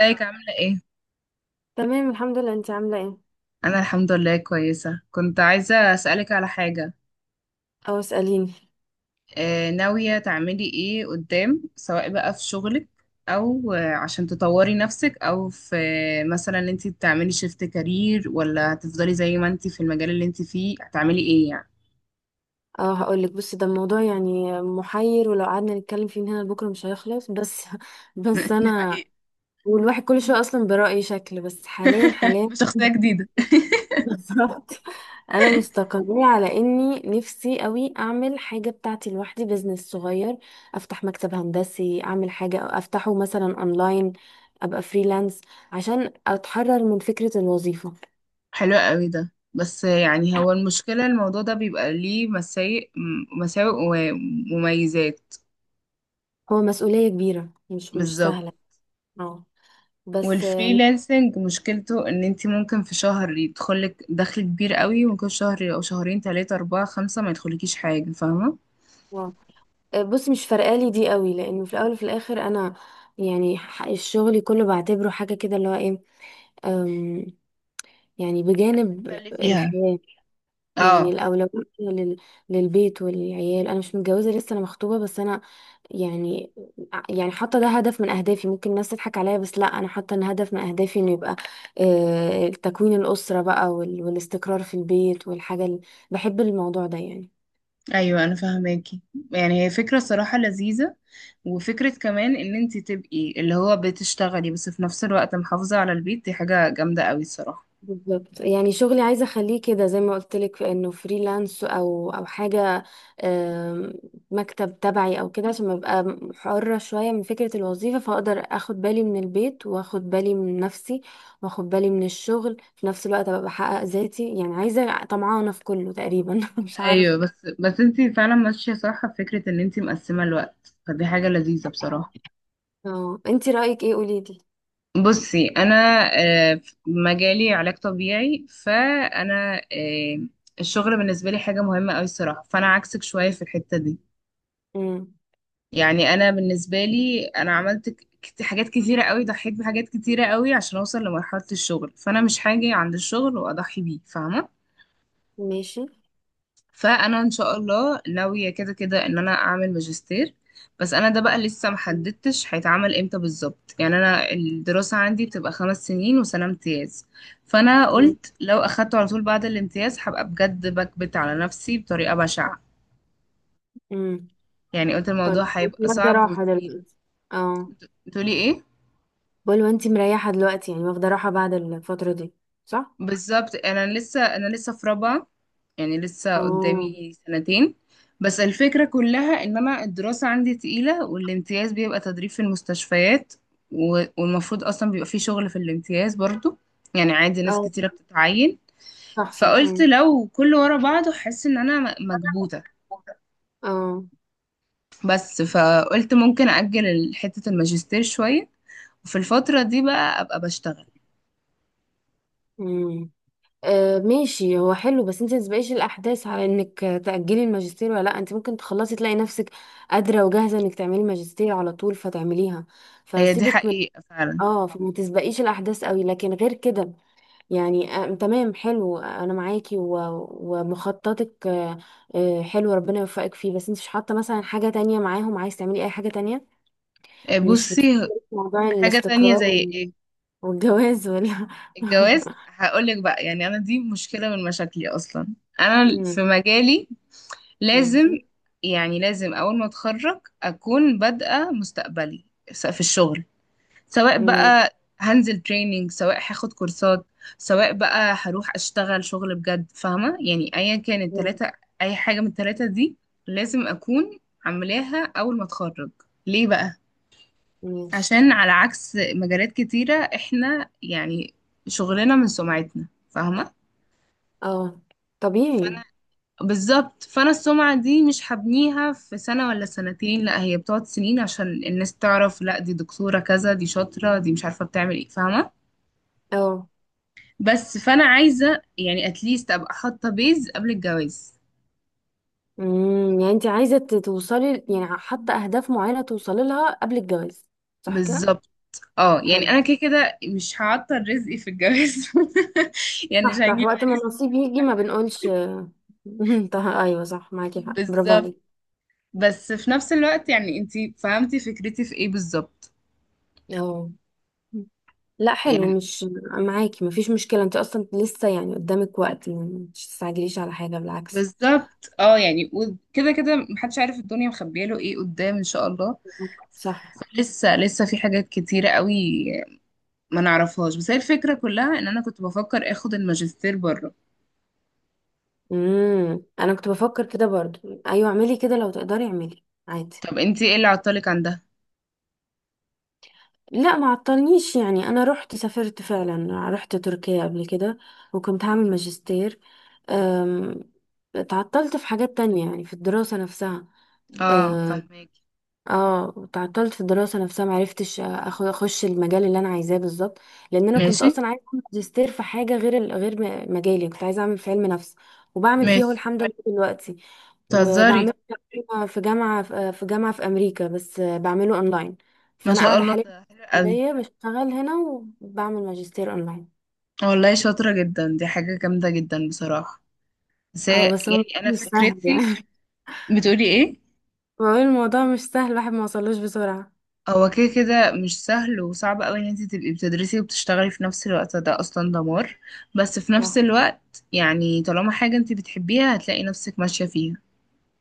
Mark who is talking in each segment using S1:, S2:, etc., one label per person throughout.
S1: ازيك عاملة ايه؟
S2: تمام الحمد لله. انت عامله ايه؟
S1: أنا الحمد لله كويسة. كنت عايزة أسألك على حاجة.
S2: اه اساليني.
S1: ناوية تعملي ايه قدام، سواء بقى في شغلك أو عشان تطوري نفسك، أو في مثلا ان انت تعملي شيفت كارير ولا هتفضلي زي ما انت في المجال اللي انت فيه، هتعملي ايه يعني؟
S2: اه هقولك، بصي ده الموضوع يعني محير، ولو قعدنا نتكلم فيه من هنا لبكره مش هيخلص بس. بس
S1: دي
S2: انا
S1: حقيقة.
S2: والواحد كل شويه اصلا برأي شكل، بس حاليا حاليا.
S1: بشخصية جديدة.
S2: بالظبط. انا مستقرة على اني نفسي قوي اعمل حاجه بتاعتي لوحدي، بزنس صغير، افتح مكتب هندسي، اعمل حاجه أو افتحه مثلا اونلاين، ابقى فريلانس، عشان اتحرر من فكره الوظيفه.
S1: حلو قوي ده، بس يعني هو المشكلة الموضوع ده بيبقى ليه مساوئ ومميزات.
S2: هو مسؤوليه كبيره، مش
S1: بالظبط.
S2: سهله. اه. بس
S1: والفريلانسنج مشكلته ان انت ممكن في شهر يدخلك دخل كبير قوي، وممكن شهر او شهرين ثلاثة اربعة خمسة ما يدخلكيش حاجة، فاهمة؟
S2: بص، مش فارقالي دي قوي، لانه في الاول وفي الاخر انا يعني الشغل كله بعتبره حاجه كده اللي هو ايه. أم، يعني بجانب
S1: تتسلي فيها.
S2: الحياه، يعني
S1: اه،
S2: الاولويه لل- للبيت والعيال. انا مش متجوزه لسه، انا مخطوبه، بس انا يعني يعني حاطه ده هدف من اهدافي، ممكن الناس تضحك عليا، بس لا انا حاطه ان هدف من اهدافي انه يبقى تكوين الاسره بقى والاستقرار في البيت والحاجه اللي بحب الموضوع ده يعني.
S1: ايوه انا فاهماكي. يعني هي فكرة صراحة لذيذة، وفكرة كمان ان انت تبقي اللي هو بتشتغلي بس في نفس الوقت محافظة على البيت، دي حاجة جامدة قوي الصراحة.
S2: بالظبط. يعني شغلي عايزه اخليه كده زي ما قلت لك، انه فريلانس او حاجه، آم، مكتب تبعي او كده، عشان ابقى حره شويه من فكره الوظيفه، فاقدر اخد بالي من البيت، واخد بالي من نفسي، واخد بالي من الشغل في نفس الوقت، ابقى بحقق ذاتي. يعني عايزه طمعانه في كله تقريبا. مش عارفه.
S1: ايوه، بس انت فعلا ماشية صح في فكرة ان انت مقسمة الوقت، فدي حاجة لذيذة بصراحة.
S2: اه، انتي رايك ايه؟ قولي لي.
S1: بصي انا، في مجالي علاج طبيعي، فانا الشغل بالنسبه لي حاجه مهمه قوي الصراحه، فانا عكسك شويه في الحته دي.
S2: امم.
S1: يعني انا بالنسبه لي عملت حاجات كتيره قوي، ضحيت بحاجات كتيره قوي عشان اوصل لمرحله الشغل، فانا مش هاجي عند الشغل واضحي بيه، فاهمه.
S2: ماشي.
S1: فانا ان شاء الله ناويه كده كده ان انا اعمل ماجستير، بس انا ده بقى لسه محددتش هيتعمل امتى بالظبط. يعني انا الدراسه عندي بتبقى 5 سنين وسنه امتياز، فانا
S2: ماشي.
S1: قلت لو اخدته على طول بعد الامتياز هبقى بجد بكبت على نفسي بطريقه بشعه.
S2: امم.
S1: يعني قلت
S2: طيب،
S1: الموضوع
S2: انتي
S1: هيبقى
S2: واخده
S1: صعب
S2: راحه
S1: وتقيل.
S2: دلوقتي؟ اه.
S1: بتقولي ايه؟
S2: بقول وانتي مريحة دلوقتي، يعني واخدة راحة بعد الفترة دي، صح؟
S1: بالظبط انا لسه في رابعه، يعني لسه
S2: اه.
S1: قدامي سنتين. بس الفكره كلها ان انا الدراسه عندي تقيله، والامتياز بيبقى تدريب في المستشفيات، والمفروض اصلا بيبقى في شغل في الامتياز برضو. يعني عادي ناس
S2: اه،
S1: كتيره بتتعين.
S2: صح صح.
S1: فقلت
S2: مم.
S1: لو كله ورا بعضه حاسه ان انا مكبوته.
S2: اه.
S1: بس فقلت ممكن اجل حته الماجستير شويه، وفي الفتره دي بقى ابقى بشتغل.
S2: مم. ماشي، هو حلو، بس انت متبقيش الاحداث على انك تأجلي الماجستير ولا لا، انت ممكن تخلصي تلاقي نفسك قادرة وجاهزة انك تعملي ماجستير على طول فتعمليها،
S1: هي دي
S2: فسيبك من.
S1: حقيقه فعلا.
S2: اه، فما تسبقيش الاحداث قوي، لكن غير كده يعني تمام، حلو، انا معاكي ومخططك، حلو، ربنا يوفقك فيه. بس انت مش حاطه مثلا حاجه تانية معاهم؟ عايز تعملي اي حاجه تانية؟ مش بتفكري
S1: بصي.
S2: في موضوع
S1: حاجه تانية
S2: الاستقرار
S1: زي ايه؟
S2: والجواز ولا؟
S1: الجواز هقولك بقى، يعني انا دي مشكله من مشاكلي اصلا. انا
S2: مم.
S1: في مجالي
S2: ماشي.
S1: لازم، يعني لازم اول ما اتخرج اكون بادئه مستقبلي في الشغل، سواء
S2: ماشي.
S1: بقى هنزل تريننج، سواء هاخد كورسات، سواء بقى هروح اشتغل شغل بجد، فاهمه؟ يعني ايا كان
S2: مم.
S1: التلاته، اي حاجه من التلاته دي لازم اكون عاملاها اول ما اتخرج. ليه بقى؟
S2: ماشي.
S1: عشان على عكس مجالات كتيرة، احنا يعني شغلنا من سمعتنا، فاهمة؟
S2: اه، طبيعي.
S1: فانا بالظبط، فانا السمعة دي مش هبنيها في سنة ولا سنتين، لا هي بتقعد سنين عشان الناس تعرف لا دي دكتورة كذا، دي شاطرة، دي مش عارفة بتعمل ايه، فاهمة؟
S2: اه.
S1: بس فانا عايزة يعني اتليست ابقى حاطة بيز قبل الجواز.
S2: مم. يعني انت عايزه توصلي، يعني حاطه اهداف معينه توصلي لها قبل الجواز، صح كده؟
S1: بالظبط، اه يعني
S2: حلو.
S1: انا كده كده مش هعطل رزقي في الجواز. يعني مش
S2: صح صح،
S1: هجيب
S2: وقت ما
S1: عريس.
S2: النصيب يجي ما بنقولش. طه، ايوه صح، معاكي حق، برافو
S1: بالظبط.
S2: عليكي.
S1: بس في نفس الوقت يعني انتي فهمتي فكرتي في ايه بالظبط؟
S2: اه، لا
S1: يعني
S2: حلو، مش معاكي مفيش مشكلة، انت اصلا لسه يعني قدامك وقت، يعني مش تستعجليش على حاجة بالعكس.
S1: بالظبط اه، يعني وكده كده محدش عارف الدنيا مخبيه له ايه قدام، ان شاء الله.
S2: صح.
S1: لسه لسه في حاجات كتيرة قوي ما نعرفهاش، بس هي الفكرة كلها ان انا كنت بفكر اخد الماجستير بره.
S2: امم، انا كنت بفكر كده برضو، ايوه اعملي كده لو تقدري، اعملي عادي.
S1: طب انتي ايه اللي عطلك عن ده؟
S2: لا، ما عطلنيش، يعني انا رحت سافرت فعلا، رحت تركيا قبل كده، وكنت هعمل ماجستير. أم، اتعطلت في حاجات تانية، يعني في الدراسة نفسها.
S1: اه،
S2: آه،
S1: فهماكي.
S2: اه تعطلت في الدراسه نفسها، معرفتش اخد اخش المجال اللي انا عايزاه بالظبط، لان انا كنت
S1: ماشي.
S2: اصلا عايزه اعمل ماجستير في حاجه غير غير مجالي، كنت عايزه اعمل في علم نفس، وبعمل فيه اهو
S1: ماشي.
S2: الحمد لله دلوقتي، وبعمله
S1: تهزري.
S2: في جامعه، في جامعه في امريكا، بس بعمله اونلاين.
S1: ما
S2: فانا
S1: شاء
S2: قاعده
S1: الله،
S2: حاليا في
S1: ده حلو قوي.
S2: السعوديه، بشتغل هنا وبعمل ماجستير اونلاين.
S1: والله شاطرة جدا، دي حاجة جامدة جدا بصراحة. بس
S2: اه بس هو
S1: يعني انا
S2: مش سهل
S1: فكرتي.
S2: يعني.
S1: بتقولي ايه؟
S2: بقول الموضوع مش سهل، الواحد ما وصلوش بسرعه.
S1: هو كده كده مش سهل، وصعب قوي ان انت تبقي بتدرسي وبتشتغلي في نفس الوقت ده اصلا دمار. بس في نفس
S2: صح،
S1: الوقت يعني طالما حاجة انت بتحبيها هتلاقي نفسك ماشية فيها.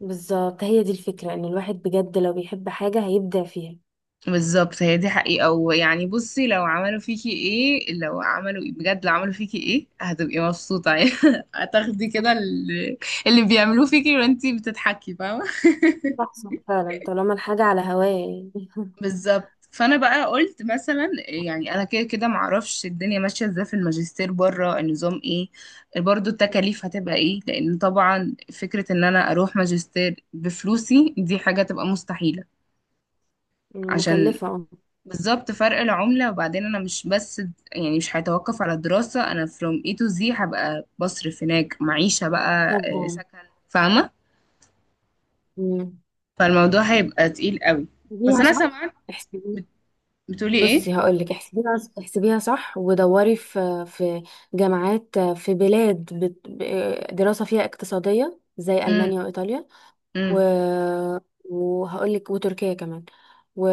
S2: بالظبط، هي دي الفكرة، ان الواحد بجد لو بيحب حاجة هيبدع فيها.
S1: بالظبط، هي دي حقيقة. ويعني بصي لو عملوا فيكي ايه، لو عملوا ايه، بجد لو عملوا فيكي ايه هتبقي مبسوطة. يعني هتاخدي كده اللي بيعملوه فيكي وانتي بتضحكي، فاهمة؟
S2: صح فعلا، طالما الحاجة على هواية يعني.
S1: بالظبط. فانا بقى قلت مثلا يعني انا كده كده معرفش الدنيا ماشيه ازاي في الماجستير بره، النظام ايه، برضو التكاليف هتبقى ايه، لان طبعا فكره ان انا اروح ماجستير بفلوسي دي حاجه تبقى مستحيله. عشان
S2: مكلفة اه.
S1: بالظبط فرق العمله. وبعدين انا مش بس، يعني مش هيتوقف على الدراسه، انا from A to Z هبقى بصرف هناك معيشه بقى،
S2: طبعا.
S1: سكن، فاهمه؟
S2: مم.
S1: فالموضوع هيبقى تقيل قوي. بس
S2: احسبيها
S1: انا
S2: صح،
S1: سمعت.
S2: احسبي.
S1: بتقولي ايه؟
S2: بصي هقول لك، احسبيها احسبيها صح، ودوري في جامعات في بلاد دراسة فيها اقتصادية زي
S1: امم
S2: ألمانيا وإيطاليا و... وهقول لك، وتركيا كمان، و...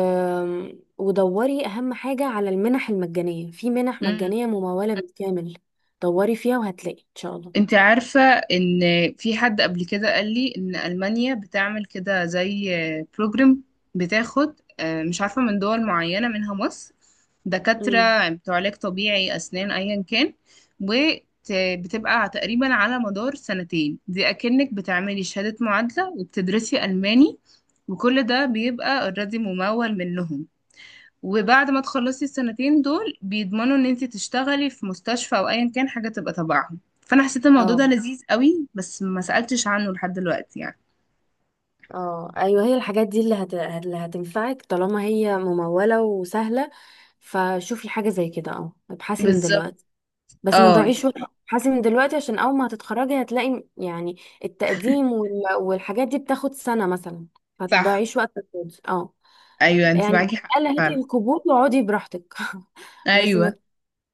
S2: ودوري أهم حاجة على المنح المجانية، في منح
S1: امم
S2: مجانية ممولة بالكامل، دوري فيها وهتلاقي إن شاء الله.
S1: انت عارفة ان في حد قبل كده قال لي ان ألمانيا بتعمل كده زي بروجرام، بتاخد مش عارفة من دول معينة منها مصر،
S2: امم.
S1: دكاترة بتوع علاج طبيعي أسنان أيا كان، وبتبقى تقريبا على مدار سنتين دي أكنك بتعملي شهادة معادلة وبتدرسي ألماني، وكل ده بيبقى اوريدي ممول منهم. وبعد ما تخلصي السنتين دول بيضمنوا ان انت تشتغلي في مستشفى او ايا كان حاجه تبقى تبعهم، فانا حسيت الموضوع
S2: اه
S1: ده لذيذ قوي بس ما سالتش عنه لحد دلوقتي يعني.
S2: اه ايوه، هي الحاجات دي اللي، اللي هتنفعك طالما هي ممولة وسهلة، فشوفي حاجة زي كده اه، ابحثي من
S1: بالظبط،
S2: دلوقتي بس ما
S1: اه
S2: تضيعيش وقت.
S1: يعني
S2: ابحثي من دلوقتي عشان اول ما هتتخرجي هتلاقي يعني التقديم والحاجات دي بتاخد سنة مثلا،
S1: صح.
S2: فتضيعيش وقت فاضي. اه،
S1: ايوه انت
S2: يعني
S1: معاكي حق
S2: على الأقل هاتي
S1: فعلا.
S2: القبول واقعدي براحتك، بس
S1: ايوه.
S2: ما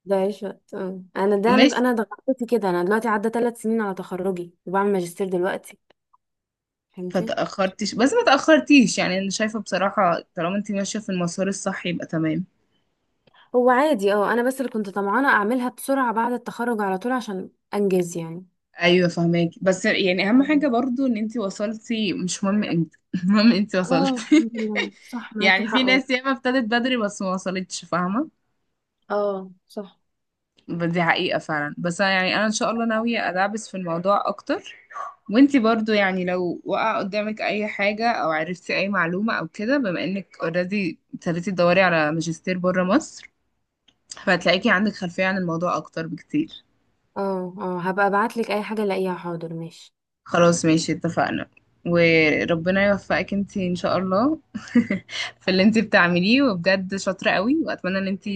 S2: تضيعيش وقت اه. انا ده انا
S1: ماشي.
S2: ضغطت كده، انا دلوقتي عدى 3 سنين على تخرجي وبعمل ماجستير دلوقتي، فهمتي؟
S1: فتاخرتيش، بس ما تاخرتيش، يعني انا شايفه بصراحه طالما انت ماشيه في المسار الصح يبقى تمام.
S2: هو عادي اه، انا بس اللي كنت طمعانه اعملها بسرعه بعد التخرج على طول عشان انجز يعني.
S1: ايوه فهماك، بس يعني اهم حاجه
S2: مم.
S1: برضو ان انت وصلتي مش مهم امتى. المهم انت
S2: اه
S1: وصلتي.
S2: الحمد لله، صح معاكي
S1: يعني في
S2: حق
S1: ناس
S2: والله.
S1: ياما ابتدت بدري بس ما وصلتش، فاهمه؟
S2: اه صح.
S1: دي حقيقه فعلا. بس أنا يعني انا ان شاء الله ناويه ادعبس في الموضوع اكتر. وانت برضو يعني لو وقع قدامك اي حاجه او عرفتي اي معلومه او كده، بما انك اوريدي ابتديتي تدوري على ماجستير بره مصر، فهتلاقيكي عندك خلفيه عن الموضوع اكتر بكتير.
S2: اه اه هبقى ابعتلك اي حاجه الاقيها، حاضر ماشي.
S1: خلاص ماشي اتفقنا. وربنا يوفقك انتي ان شاء الله. في اللي انتي بتعمليه، وبجد شاطرة قوي، واتمنى ان انتي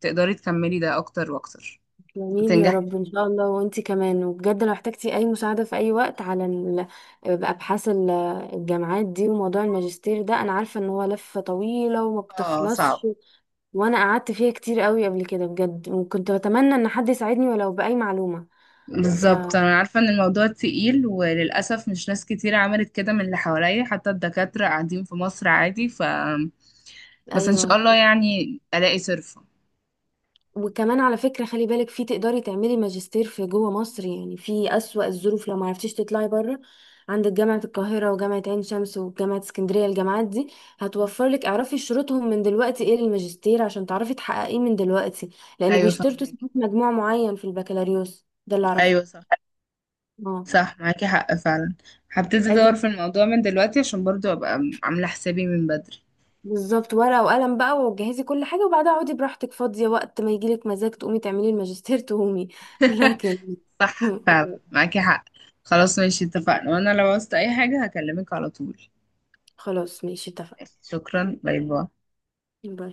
S1: تقدري تكملي ده اكتر واكتر
S2: جميل، يا
S1: وتنجحي
S2: رب
S1: فيه.
S2: ان شاء الله، وانتي كمان، وبجد لو احتجتي اي مساعده في اي وقت على ابحاث الجامعات دي وموضوع الماجستير ده، انا عارفه ان هو لفه طويله وما
S1: اه صعب.
S2: بتخلصش، وانا قعدت فيها كتير قوي قبل كده بجد، وكنت بتمنى ان حد يساعدني ولو باي معلومه. ف.
S1: بالظبط، انا عارفة ان الموضوع تقيل، وللأسف مش ناس كتير عملت كده من اللي حواليا حتى الدكاترة قاعدين في مصر عادي. بس ان شاء
S2: ايوه،
S1: الله يعني الاقي صرفة.
S2: وكمان على فكرة، خلي بالك، في تقدري تعملي ماجستير في جوه مصر، يعني في أسوأ الظروف لو ما عرفتيش تطلعي بره، عندك جامعة القاهرة وجامعة عين شمس وجامعة اسكندرية، الجامعات دي هتوفر لك، اعرفي شروطهم من دلوقتي ايه للماجستير عشان تعرفي تحققيه من دلوقتي، لأن
S1: ايوه
S2: بيشترطوا
S1: فاهمك.
S2: ساعات مجموع معين في البكالوريوس، ده اللي أعرفه.
S1: ايوه صح.
S2: اه،
S1: صح معاكي حق فعلا. هبتدي
S2: أجي-
S1: ادور في الموضوع من دلوقتي عشان برضو ابقى عاملة حسابي من بدري.
S2: بالظبط، ورقة وقلم بقى، وجهزي كل حاجة، وبعدها اقعدي براحتك فاضية، وقت ما يجيلك مزاج تقومي تعملي الماجستير تقومي. لكن
S1: صح فعلا معاكي حق. خلاص ماشي اتفقنا، وانا لو عوزت اي حاجة هكلمك على طول.
S2: خلاص ماشي اتفقنا.
S1: شكرا، باي باي.
S2: باي.